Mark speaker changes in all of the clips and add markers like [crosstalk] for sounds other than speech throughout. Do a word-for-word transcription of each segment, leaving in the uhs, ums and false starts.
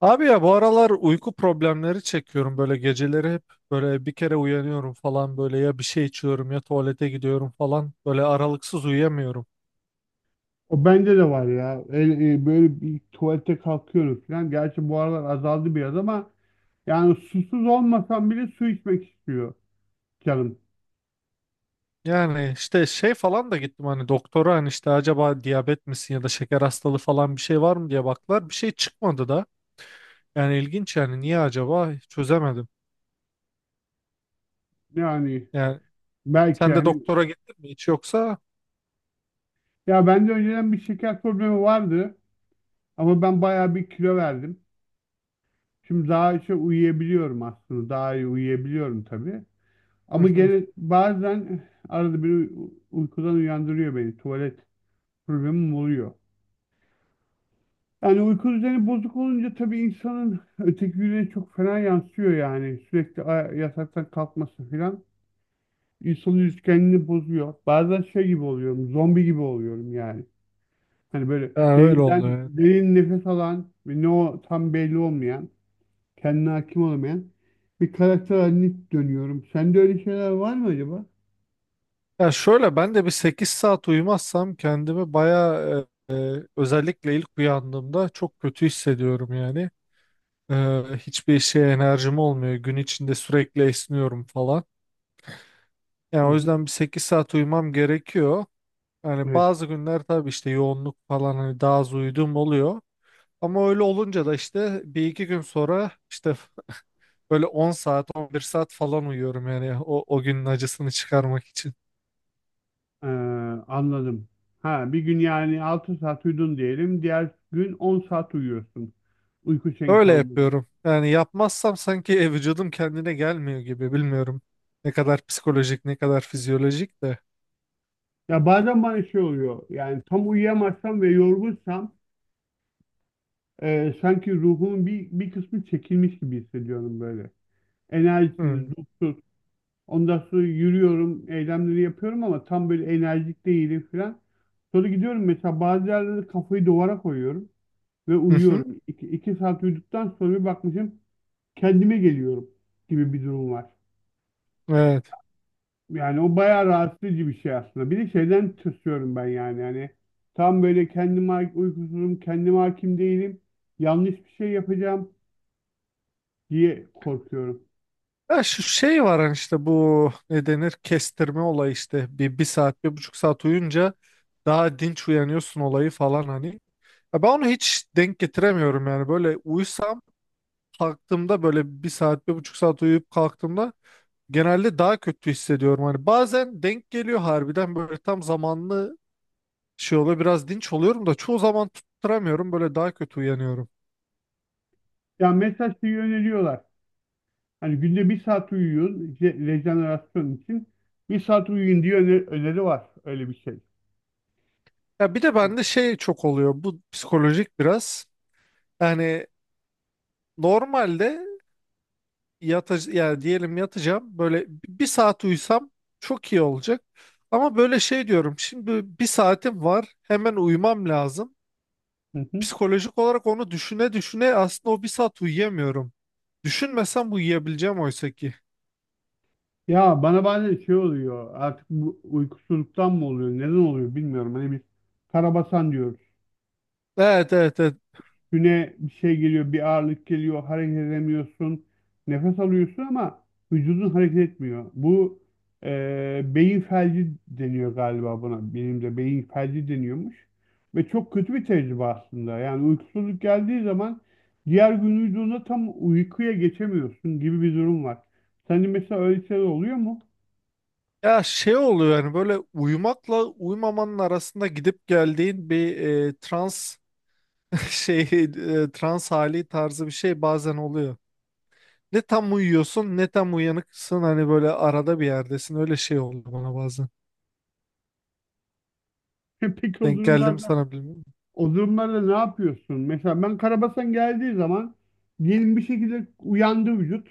Speaker 1: Abi ya bu aralar uyku problemleri çekiyorum böyle geceleri hep böyle bir kere uyanıyorum falan böyle ya bir şey içiyorum ya tuvalete gidiyorum falan böyle aralıksız uyuyamıyorum.
Speaker 2: O bende de var ya. El- e, böyle bir tuvalete kalkıyorum falan. Gerçi bu aralar azaldı biraz ama yani susuz olmasam bile su içmek istiyor canım.
Speaker 1: Yani işte şey falan da gittim hani doktora hani işte acaba diyabet misin ya da şeker hastalığı falan bir şey var mı diye baktılar bir şey çıkmadı da yani ilginç yani niye acaba çözemedim.
Speaker 2: Yani
Speaker 1: Yani
Speaker 2: belki
Speaker 1: sen de
Speaker 2: yani.
Speaker 1: doktora gittin mi hiç yoksa?
Speaker 2: Ya bende önceden bir şeker problemi vardı ama ben bayağı bir kilo verdim. Şimdi daha şey uyuyabiliyorum aslında. Daha iyi uyuyabiliyorum tabii.
Speaker 1: Hı
Speaker 2: Ama
Speaker 1: hı.
Speaker 2: gene bazen arada bir uy- uykudan uyandırıyor beni. Tuvalet problemim oluyor. Yani uyku düzeni bozuk olunca tabii insanın öteki güne çok fena yansıyor yani. Sürekli a- yataktan kalkması falan. İnsanın üretkenliğini bozuyor. Bazen şey gibi oluyorum, zombi gibi oluyorum yani. Hani böyle
Speaker 1: Ha, öyle
Speaker 2: derinden,
Speaker 1: oluyor.
Speaker 2: derin nefes alan ve ne o tam belli olmayan, kendine hakim olamayan bir karakter haline dönüyorum. Sende öyle şeyler var mı acaba?
Speaker 1: Ya şöyle ben de bir sekiz saat uyumazsam kendimi bayağı e, e, özellikle ilk uyandığımda çok kötü hissediyorum yani. E, Hiçbir işe enerjim olmuyor. Gün içinde sürekli esniyorum falan. Yani
Speaker 2: Hı
Speaker 1: o
Speaker 2: hı.
Speaker 1: yüzden bir sekiz saat uyumam gerekiyor. Yani
Speaker 2: Evet.
Speaker 1: bazı günler tabii işte yoğunluk falan hani daha az uyuduğum oluyor. Ama öyle olunca da işte bir iki gün sonra işte böyle on saat on bir saat falan uyuyorum yani o, o günün acısını çıkarmak için.
Speaker 2: Ee, anladım. Ha, bir gün yani altı saat uyudun diyelim. Diğer gün on saat uyuyorsun. Uyku şeyin
Speaker 1: Öyle
Speaker 2: tanımladı.
Speaker 1: yapıyorum. Yani yapmazsam sanki e, vücudum kendine gelmiyor gibi bilmiyorum. Ne kadar psikolojik ne kadar fizyolojik de.
Speaker 2: Ya bazen bana şey oluyor. Yani tam uyuyamazsam ve yorgunsam e, sanki ruhumun bir, bir kısmı çekilmiş gibi hissediyorum böyle. Enerjisiz,
Speaker 1: Hmm.
Speaker 2: ruhsuz. Ondan sonra yürüyorum, eylemleri yapıyorum ama tam böyle enerjik değilim falan. Sonra gidiyorum mesela bazı yerlerde kafayı duvara koyuyorum ve
Speaker 1: Hı hı.
Speaker 2: uyuyorum. İki, iki saat uyuduktan sonra bir bakmışım kendime geliyorum gibi bir durum var.
Speaker 1: Evet.
Speaker 2: Yani o bayağı rahatsız edici bir şey aslında. Bir de şeyden tırsıyorum ben yani. Yani tam böyle kendime ha- uykusuzum, kendime hakim değilim. Yanlış bir şey yapacağım diye korkuyorum.
Speaker 1: Ya şu şey var hani işte bu ne denir kestirme olayı işte bir, bir saat bir buçuk saat uyunca daha dinç uyanıyorsun olayı falan hani. Ya ben onu hiç denk getiremiyorum yani böyle uyusam kalktığımda böyle bir saat bir buçuk saat uyuyup kalktığımda genelde daha kötü hissediyorum. Hani bazen denk geliyor harbiden böyle tam zamanlı şey oluyor biraz dinç oluyorum da çoğu zaman tutturamıyorum böyle daha kötü uyanıyorum.
Speaker 2: Ya mesela şeyi öneriyorlar. Hani günde bir saat uyuyun je- rejenerasyon için. Bir saat uyuyun diye öne- öneri var. Öyle bir şey.
Speaker 1: Ya bir de bende şey çok oluyor bu psikolojik biraz yani normalde yatacağım yani diyelim yatacağım böyle bir saat uyusam çok iyi olacak. Ama böyle şey diyorum şimdi bir saatim var hemen uyumam lazım.
Speaker 2: Hı hı.
Speaker 1: Psikolojik olarak onu düşüne düşüne aslında o bir saat uyuyamıyorum. Düşünmesem uyuyabileceğim oysa ki.
Speaker 2: Ya bana bazen şey oluyor artık bu uykusuzluktan mı oluyor neden oluyor bilmiyorum. Hani biz karabasan diyoruz.
Speaker 1: Evet, evet, evet.
Speaker 2: Güne bir şey geliyor bir ağırlık geliyor hareket edemiyorsun. Nefes alıyorsun ama vücudun hareket etmiyor. Bu e, beyin felci deniyor galiba buna. Benim de beyin felci deniyormuş. Ve çok kötü bir tecrübe aslında. Yani uykusuzluk geldiği zaman diğer gün vücudunda tam uykuya geçemiyorsun gibi bir durum var. Senin mesela öyle şeyler oluyor mu?
Speaker 1: Ya şey oluyor yani böyle uyumakla uyumamanın arasında gidip geldiğin bir e, trans [laughs] şey e, trans hali tarzı bir şey bazen oluyor. Ne tam uyuyorsun ne tam uyanıksın hani böyle arada bir yerdesin öyle şey oldu bana bazen.
Speaker 2: [laughs] Peki o
Speaker 1: Denk geldim
Speaker 2: durumlarda
Speaker 1: sana bilmiyorum.
Speaker 2: O durumlarda ne yapıyorsun? Mesela ben karabasan geldiği zaman diyelim bir şekilde uyandı vücut.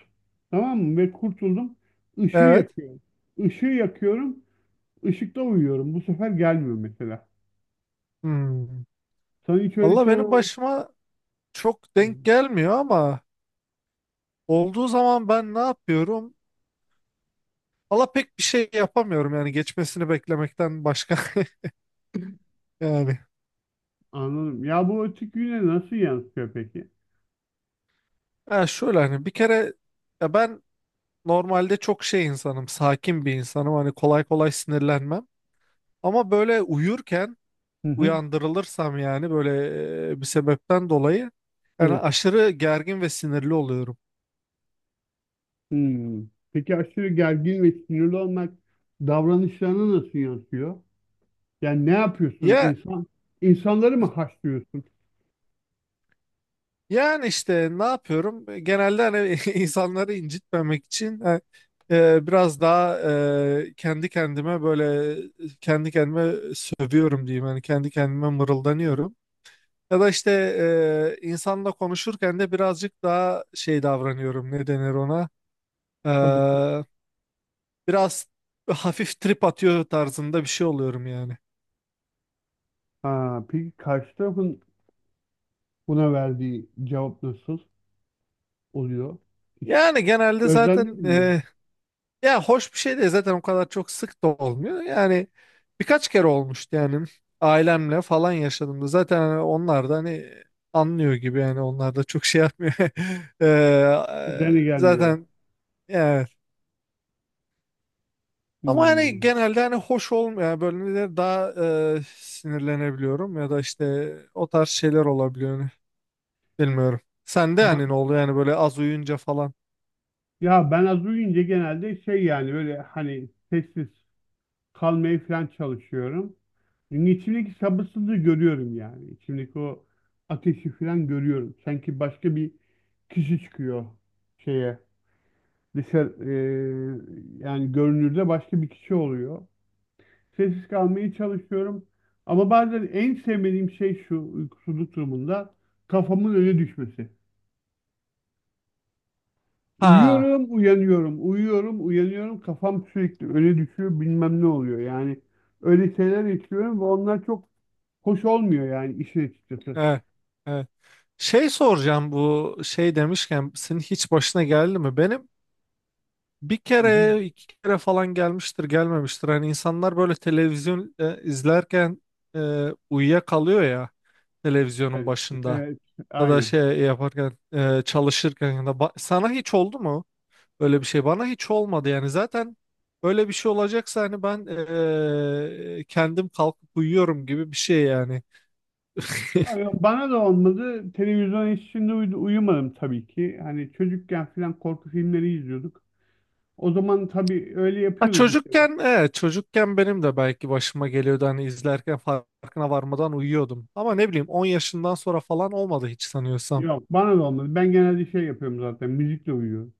Speaker 2: Tamam mı? Ve kurtuldum. Işığı
Speaker 1: Evet.
Speaker 2: yakıyorum. Işığı yakıyorum. Işıkta uyuyorum. Bu sefer gelmiyor mesela.
Speaker 1: Hmm.
Speaker 2: Sana hiç öyle
Speaker 1: Allah
Speaker 2: şeyler
Speaker 1: benim
Speaker 2: oldu
Speaker 1: başıma çok denk
Speaker 2: mu?
Speaker 1: gelmiyor ama olduğu zaman ben ne yapıyorum? Allah pek bir şey yapamıyorum yani geçmesini beklemekten başka [laughs] yani.
Speaker 2: Anladım. Ya bu açık güne nasıl yansıyor peki?
Speaker 1: Ha şöyle hani bir kere ya ben normalde çok şey insanım, sakin bir insanım. Hani kolay kolay sinirlenmem. Ama böyle uyurken
Speaker 2: Hı hı.
Speaker 1: uyandırılırsam yani böyle e, bir sebepten dolayı yani
Speaker 2: Evet.
Speaker 1: aşırı gergin ve sinirli oluyorum.
Speaker 2: Hmm. Peki aşırı gergin ve sinirli olmak davranışlarına nasıl yansıyor? Yani ne yapıyorsun?
Speaker 1: Ya
Speaker 2: İnsan, insanları mı haşlıyorsun?
Speaker 1: yani işte ne yapıyorum? Genelde hani [laughs] insanları incitmemek için e, e, biraz daha e, kendi kendime böyle kendi kendime sövüyorum diyeyim. Hani kendi kendime mırıldanıyorum. Ya da işte e, insanla konuşurken de birazcık daha şey davranıyorum. Ne denir ona?
Speaker 2: Sabırsız.
Speaker 1: E, Biraz [laughs] hafif trip atıyor tarzında bir şey oluyorum yani.
Speaker 2: Ha, peki karşı tarafın buna verdiği cevap nasıl oluyor? Hiç
Speaker 1: Yani genelde zaten
Speaker 2: gözlemledin mi?
Speaker 1: e, ya hoş bir şey de zaten o kadar çok sık da olmuyor. Yani birkaç kere olmuştu yani ailemle falan yaşadığımda. Zaten hani onlar da hani anlıyor gibi yani onlar da çok şey yapmıyor. [laughs] E,
Speaker 2: Üzerine
Speaker 1: e,
Speaker 2: gelmiyorlar.
Speaker 1: zaten yani. Ama hani
Speaker 2: Hmm.
Speaker 1: genelde hani hoş olmayan bölümde daha e, sinirlenebiliyorum ya da işte o tarz şeyler olabiliyor hani. Bilmiyorum. Sende
Speaker 2: Ba-
Speaker 1: yani ne oluyor yani böyle az uyuyunca falan.
Speaker 2: Ya ben az uyuyunca genelde şey yani böyle hani sessiz kalmaya falan çalışıyorum. Çünkü içimdeki sabırsızlığı görüyorum yani. İçimdeki o ateşi falan görüyorum. Sanki başka bir kişi çıkıyor şeye. Dışarı, eee, yani görünürde başka bir kişi oluyor. Sessiz kalmaya çalışıyorum. Ama bazen en sevmediğim şey şu uykusuzluk durumunda kafamın öne düşmesi.
Speaker 1: Ha,
Speaker 2: Uyuyorum, uyanıyorum, uyuyorum, uyanıyorum. Kafam sürekli öne düşüyor, bilmem ne oluyor. Yani öyle şeyler yaşıyorum ve onlar çok hoş olmuyor yani işin açıkçası.
Speaker 1: evet, evet. Şey soracağım bu şey demişken senin hiç başına geldi mi? Benim bir
Speaker 2: Hı hı.
Speaker 1: kere iki kere falan gelmiştir gelmemiştir. Hani insanlar böyle televizyon e, izlerken e, uyuyakalıyor ya televizyonun
Speaker 2: Evet,
Speaker 1: başında
Speaker 2: evet,
Speaker 1: ya da
Speaker 2: aynen.
Speaker 1: şey yaparken e, çalışırken ya da ba- sana hiç oldu mu? Öyle bir şey bana hiç olmadı yani zaten öyle bir şey olacaksa hani ben eee, kendim kalkıp uyuyorum gibi bir şey yani. [laughs]
Speaker 2: Abi bana da olmadı. Televizyon içinde uyu- uyumadım tabii ki. Hani çocukken falan korku filmleri izliyorduk. O zaman tabii öyle
Speaker 1: Ha,
Speaker 2: yapıyorduk.
Speaker 1: çocukken evet çocukken benim de belki başıma geliyordu hani izlerken farkına varmadan uyuyordum. Ama ne bileyim on yaşından sonra falan olmadı hiç sanıyorsam.
Speaker 2: Yok bana da olmadı. Ben genelde şey yapıyorum zaten. Müzikle uyuyorum.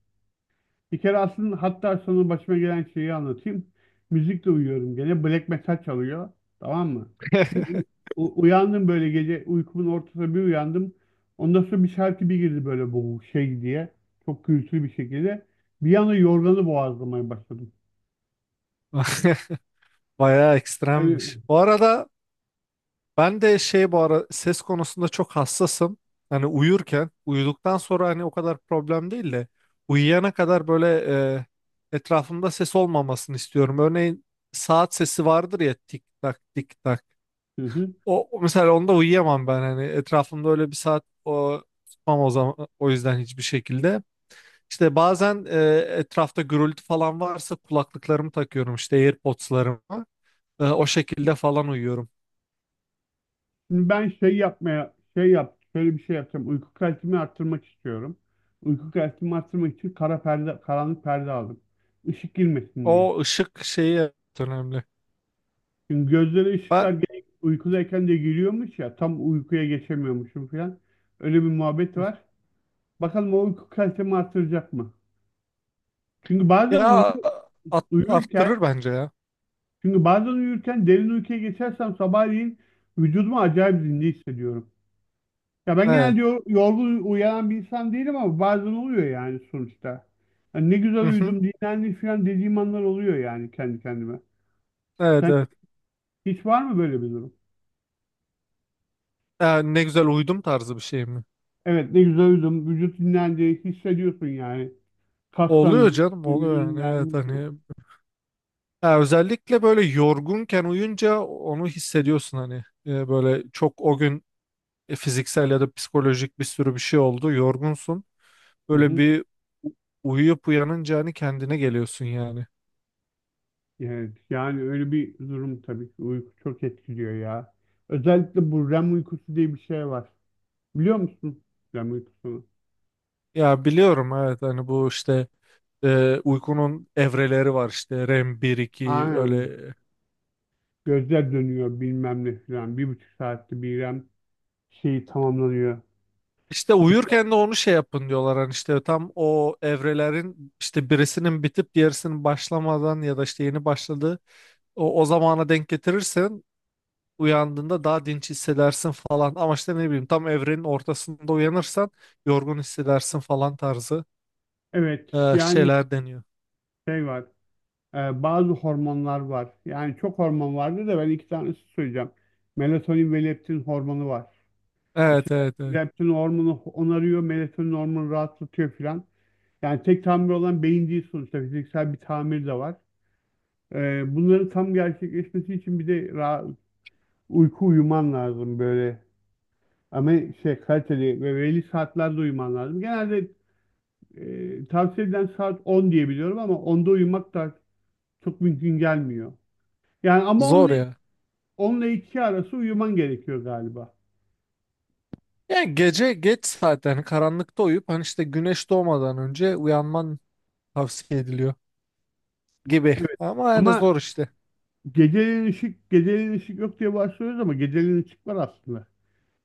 Speaker 2: Bir kere aslında hatta sonra başıma gelen şeyi anlatayım. Müzikle uyuyorum gene. Black metal çalıyor. Tamam mı? Bir
Speaker 1: [laughs]
Speaker 2: u- u- uyandım böyle gece uykumun ortasında bir uyandım. Ondan sonra bir şarkı bir girdi böyle bu şey diye. Çok gürültülü bir şekilde. Bir anda yorganı boğazlamaya başladım.
Speaker 1: Bayağı
Speaker 2: Öyle...
Speaker 1: ekstremmiş. Bu arada ben de şey bu ara ses konusunda çok hassasım. Hani uyurken, uyuduktan sonra hani o kadar problem değil de uyuyana kadar böyle e, etrafımda ses olmamasını istiyorum. Örneğin saat sesi vardır ya tik tak tik tak.
Speaker 2: Hı hı.
Speaker 1: O o mesela onda uyuyamam ben hani etrafımda öyle bir saat o tutmam o zaman o yüzden hiçbir şekilde. İşte bazen e, etrafta gürültü falan varsa kulaklıklarımı takıyorum işte AirPods'larımı. E, o şekilde falan uyuyorum.
Speaker 2: Şimdi ben şey yapmaya şey yap şöyle bir şey yapacağım. Uyku kalitemi arttırmak istiyorum. Uyku kalitemi arttırmak için kara perde, karanlık perde aldım. Işık girmesin diye.
Speaker 1: O ışık şeyi evet önemli.
Speaker 2: Çünkü gözlere ışıklar
Speaker 1: Ba-
Speaker 2: gene uykudayken de giriyormuş ya tam uykuya geçemiyormuşum falan. Öyle bir muhabbet var. Bakalım o uyku kalitemi arttıracak mı? Çünkü bazen
Speaker 1: ya
Speaker 2: uyu-
Speaker 1: at- Arttırır
Speaker 2: uyurken
Speaker 1: bence ya.
Speaker 2: çünkü bazen uyurken derin uykuya geçersem sabahleyin vücudumu acayip zinde hissediyorum. Ya ben
Speaker 1: Evet.
Speaker 2: genelde yo- yorgun uyanan bir insan değilim ama bazen oluyor yani sonuçta. Hani ne güzel
Speaker 1: Hı hı.
Speaker 2: uyudum, dinlendim falan dediğim anlar oluyor yani kendi kendime.
Speaker 1: Evet,
Speaker 2: Sen
Speaker 1: evet.
Speaker 2: hiç var mı böyle bir durum?
Speaker 1: Ya ne güzel uyudum tarzı bir şey mi?
Speaker 2: Evet ne güzel uyudum, vücut dinlendi, hissediyorsun yani.
Speaker 1: Oluyor
Speaker 2: Kastan
Speaker 1: canım oluyor
Speaker 2: vücudun.
Speaker 1: yani evet hani ya özellikle böyle yorgunken uyunca onu hissediyorsun hani. E, böyle çok o gün e, fiziksel ya da psikolojik bir sürü bir şey oldu yorgunsun
Speaker 2: Hı
Speaker 1: böyle
Speaker 2: hı.
Speaker 1: bir u- uyuyup uyanınca hani kendine geliyorsun yani.
Speaker 2: Evet yani öyle bir durum tabii ki uyku çok etkiliyor ya. Özellikle bu REM uykusu diye bir şey var. Biliyor musun REM uykusunu?
Speaker 1: Ya biliyorum evet hani bu işte e, uykunun evreleri var işte REM bir iki
Speaker 2: Aynen.
Speaker 1: öyle.
Speaker 2: Gözler dönüyor bilmem ne falan. Bir buçuk saatte bir şeyi tamamlanıyor.
Speaker 1: İşte uyurken de onu şey yapın diyorlar hani işte tam o evrelerin işte birisinin bitip diğerisinin başlamadan ya da işte yeni başladığı o, o zamana denk getirirsen uyandığında daha dinç hissedersin falan ama işte ne bileyim tam evrenin ortasında uyanırsan yorgun hissedersin falan tarzı
Speaker 2: Evet,
Speaker 1: e,
Speaker 2: yani
Speaker 1: şeyler deniyor.
Speaker 2: şey var. E, bazı hormonlar var. Yani çok hormon vardı da ben iki tanesi söyleyeceğim. Melatonin ve leptin hormonu var. İşte
Speaker 1: Evet, evet, evet,
Speaker 2: leptin hormonu onarıyor, melatonin hormonu rahatlatıyor filan. Yani tek tamir olan beyin değil sonuçta. Fiziksel bir tamir de var. E, bunların tam gerçekleşmesi için bir de ra- uyku uyuman lazım böyle. Ama şey kaliteli ve belli saatlerde uyuman lazım. Genelde E, tavsiye edilen saat on diye biliyorum ama onda uyumak da çok mümkün gelmiyor. Yani ama on
Speaker 1: zor
Speaker 2: ile,
Speaker 1: ya.
Speaker 2: on iki arası uyuman gerekiyor galiba.
Speaker 1: Yani gece geç saatte hani karanlıkta uyup hani işte güneş doğmadan önce uyanman tavsiye ediliyor gibi
Speaker 2: Evet.
Speaker 1: ama yani
Speaker 2: Ama
Speaker 1: zor işte.
Speaker 2: geceleyin ışık, geceleyin ışık yok diye başlıyoruz ama geceleyin ışık var aslında.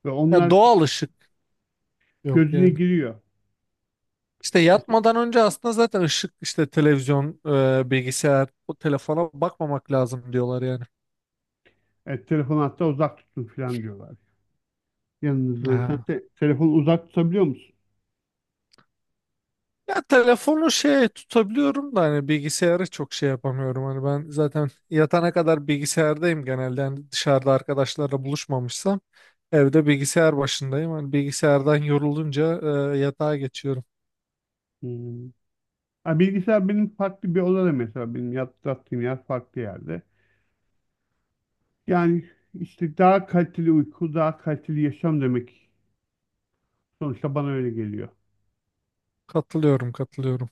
Speaker 2: Ve
Speaker 1: Ya
Speaker 2: onlar
Speaker 1: doğal ışık yok
Speaker 2: gözüne
Speaker 1: yani.
Speaker 2: giriyor.
Speaker 1: İşte yatmadan önce aslında zaten ışık işte televizyon, e, bilgisayar, o telefona bakmamak lazım diyorlar yani.
Speaker 2: Evet, telefonu hatta uzak tutun falan diyorlar. Yanınızdan. Sen
Speaker 1: Aha.
Speaker 2: te telefonu uzak tutabiliyor musun?
Speaker 1: Ya telefonu şey tutabiliyorum da hani bilgisayarı çok şey yapamıyorum. Hani ben zaten yatana kadar bilgisayardayım genelde. Hani dışarıda arkadaşlarla buluşmamışsam evde bilgisayar başındayım. Hani bilgisayardan yorulunca e, yatağa geçiyorum.
Speaker 2: Hmm. Ha, bilgisayar benim farklı bir odada mesela. Benim yat- yattığım yer farklı yerde. Yani işte daha kaliteli uyku, daha kaliteli yaşam demek. Sonuçta bana öyle geliyor.
Speaker 1: Katılıyorum, katılıyorum.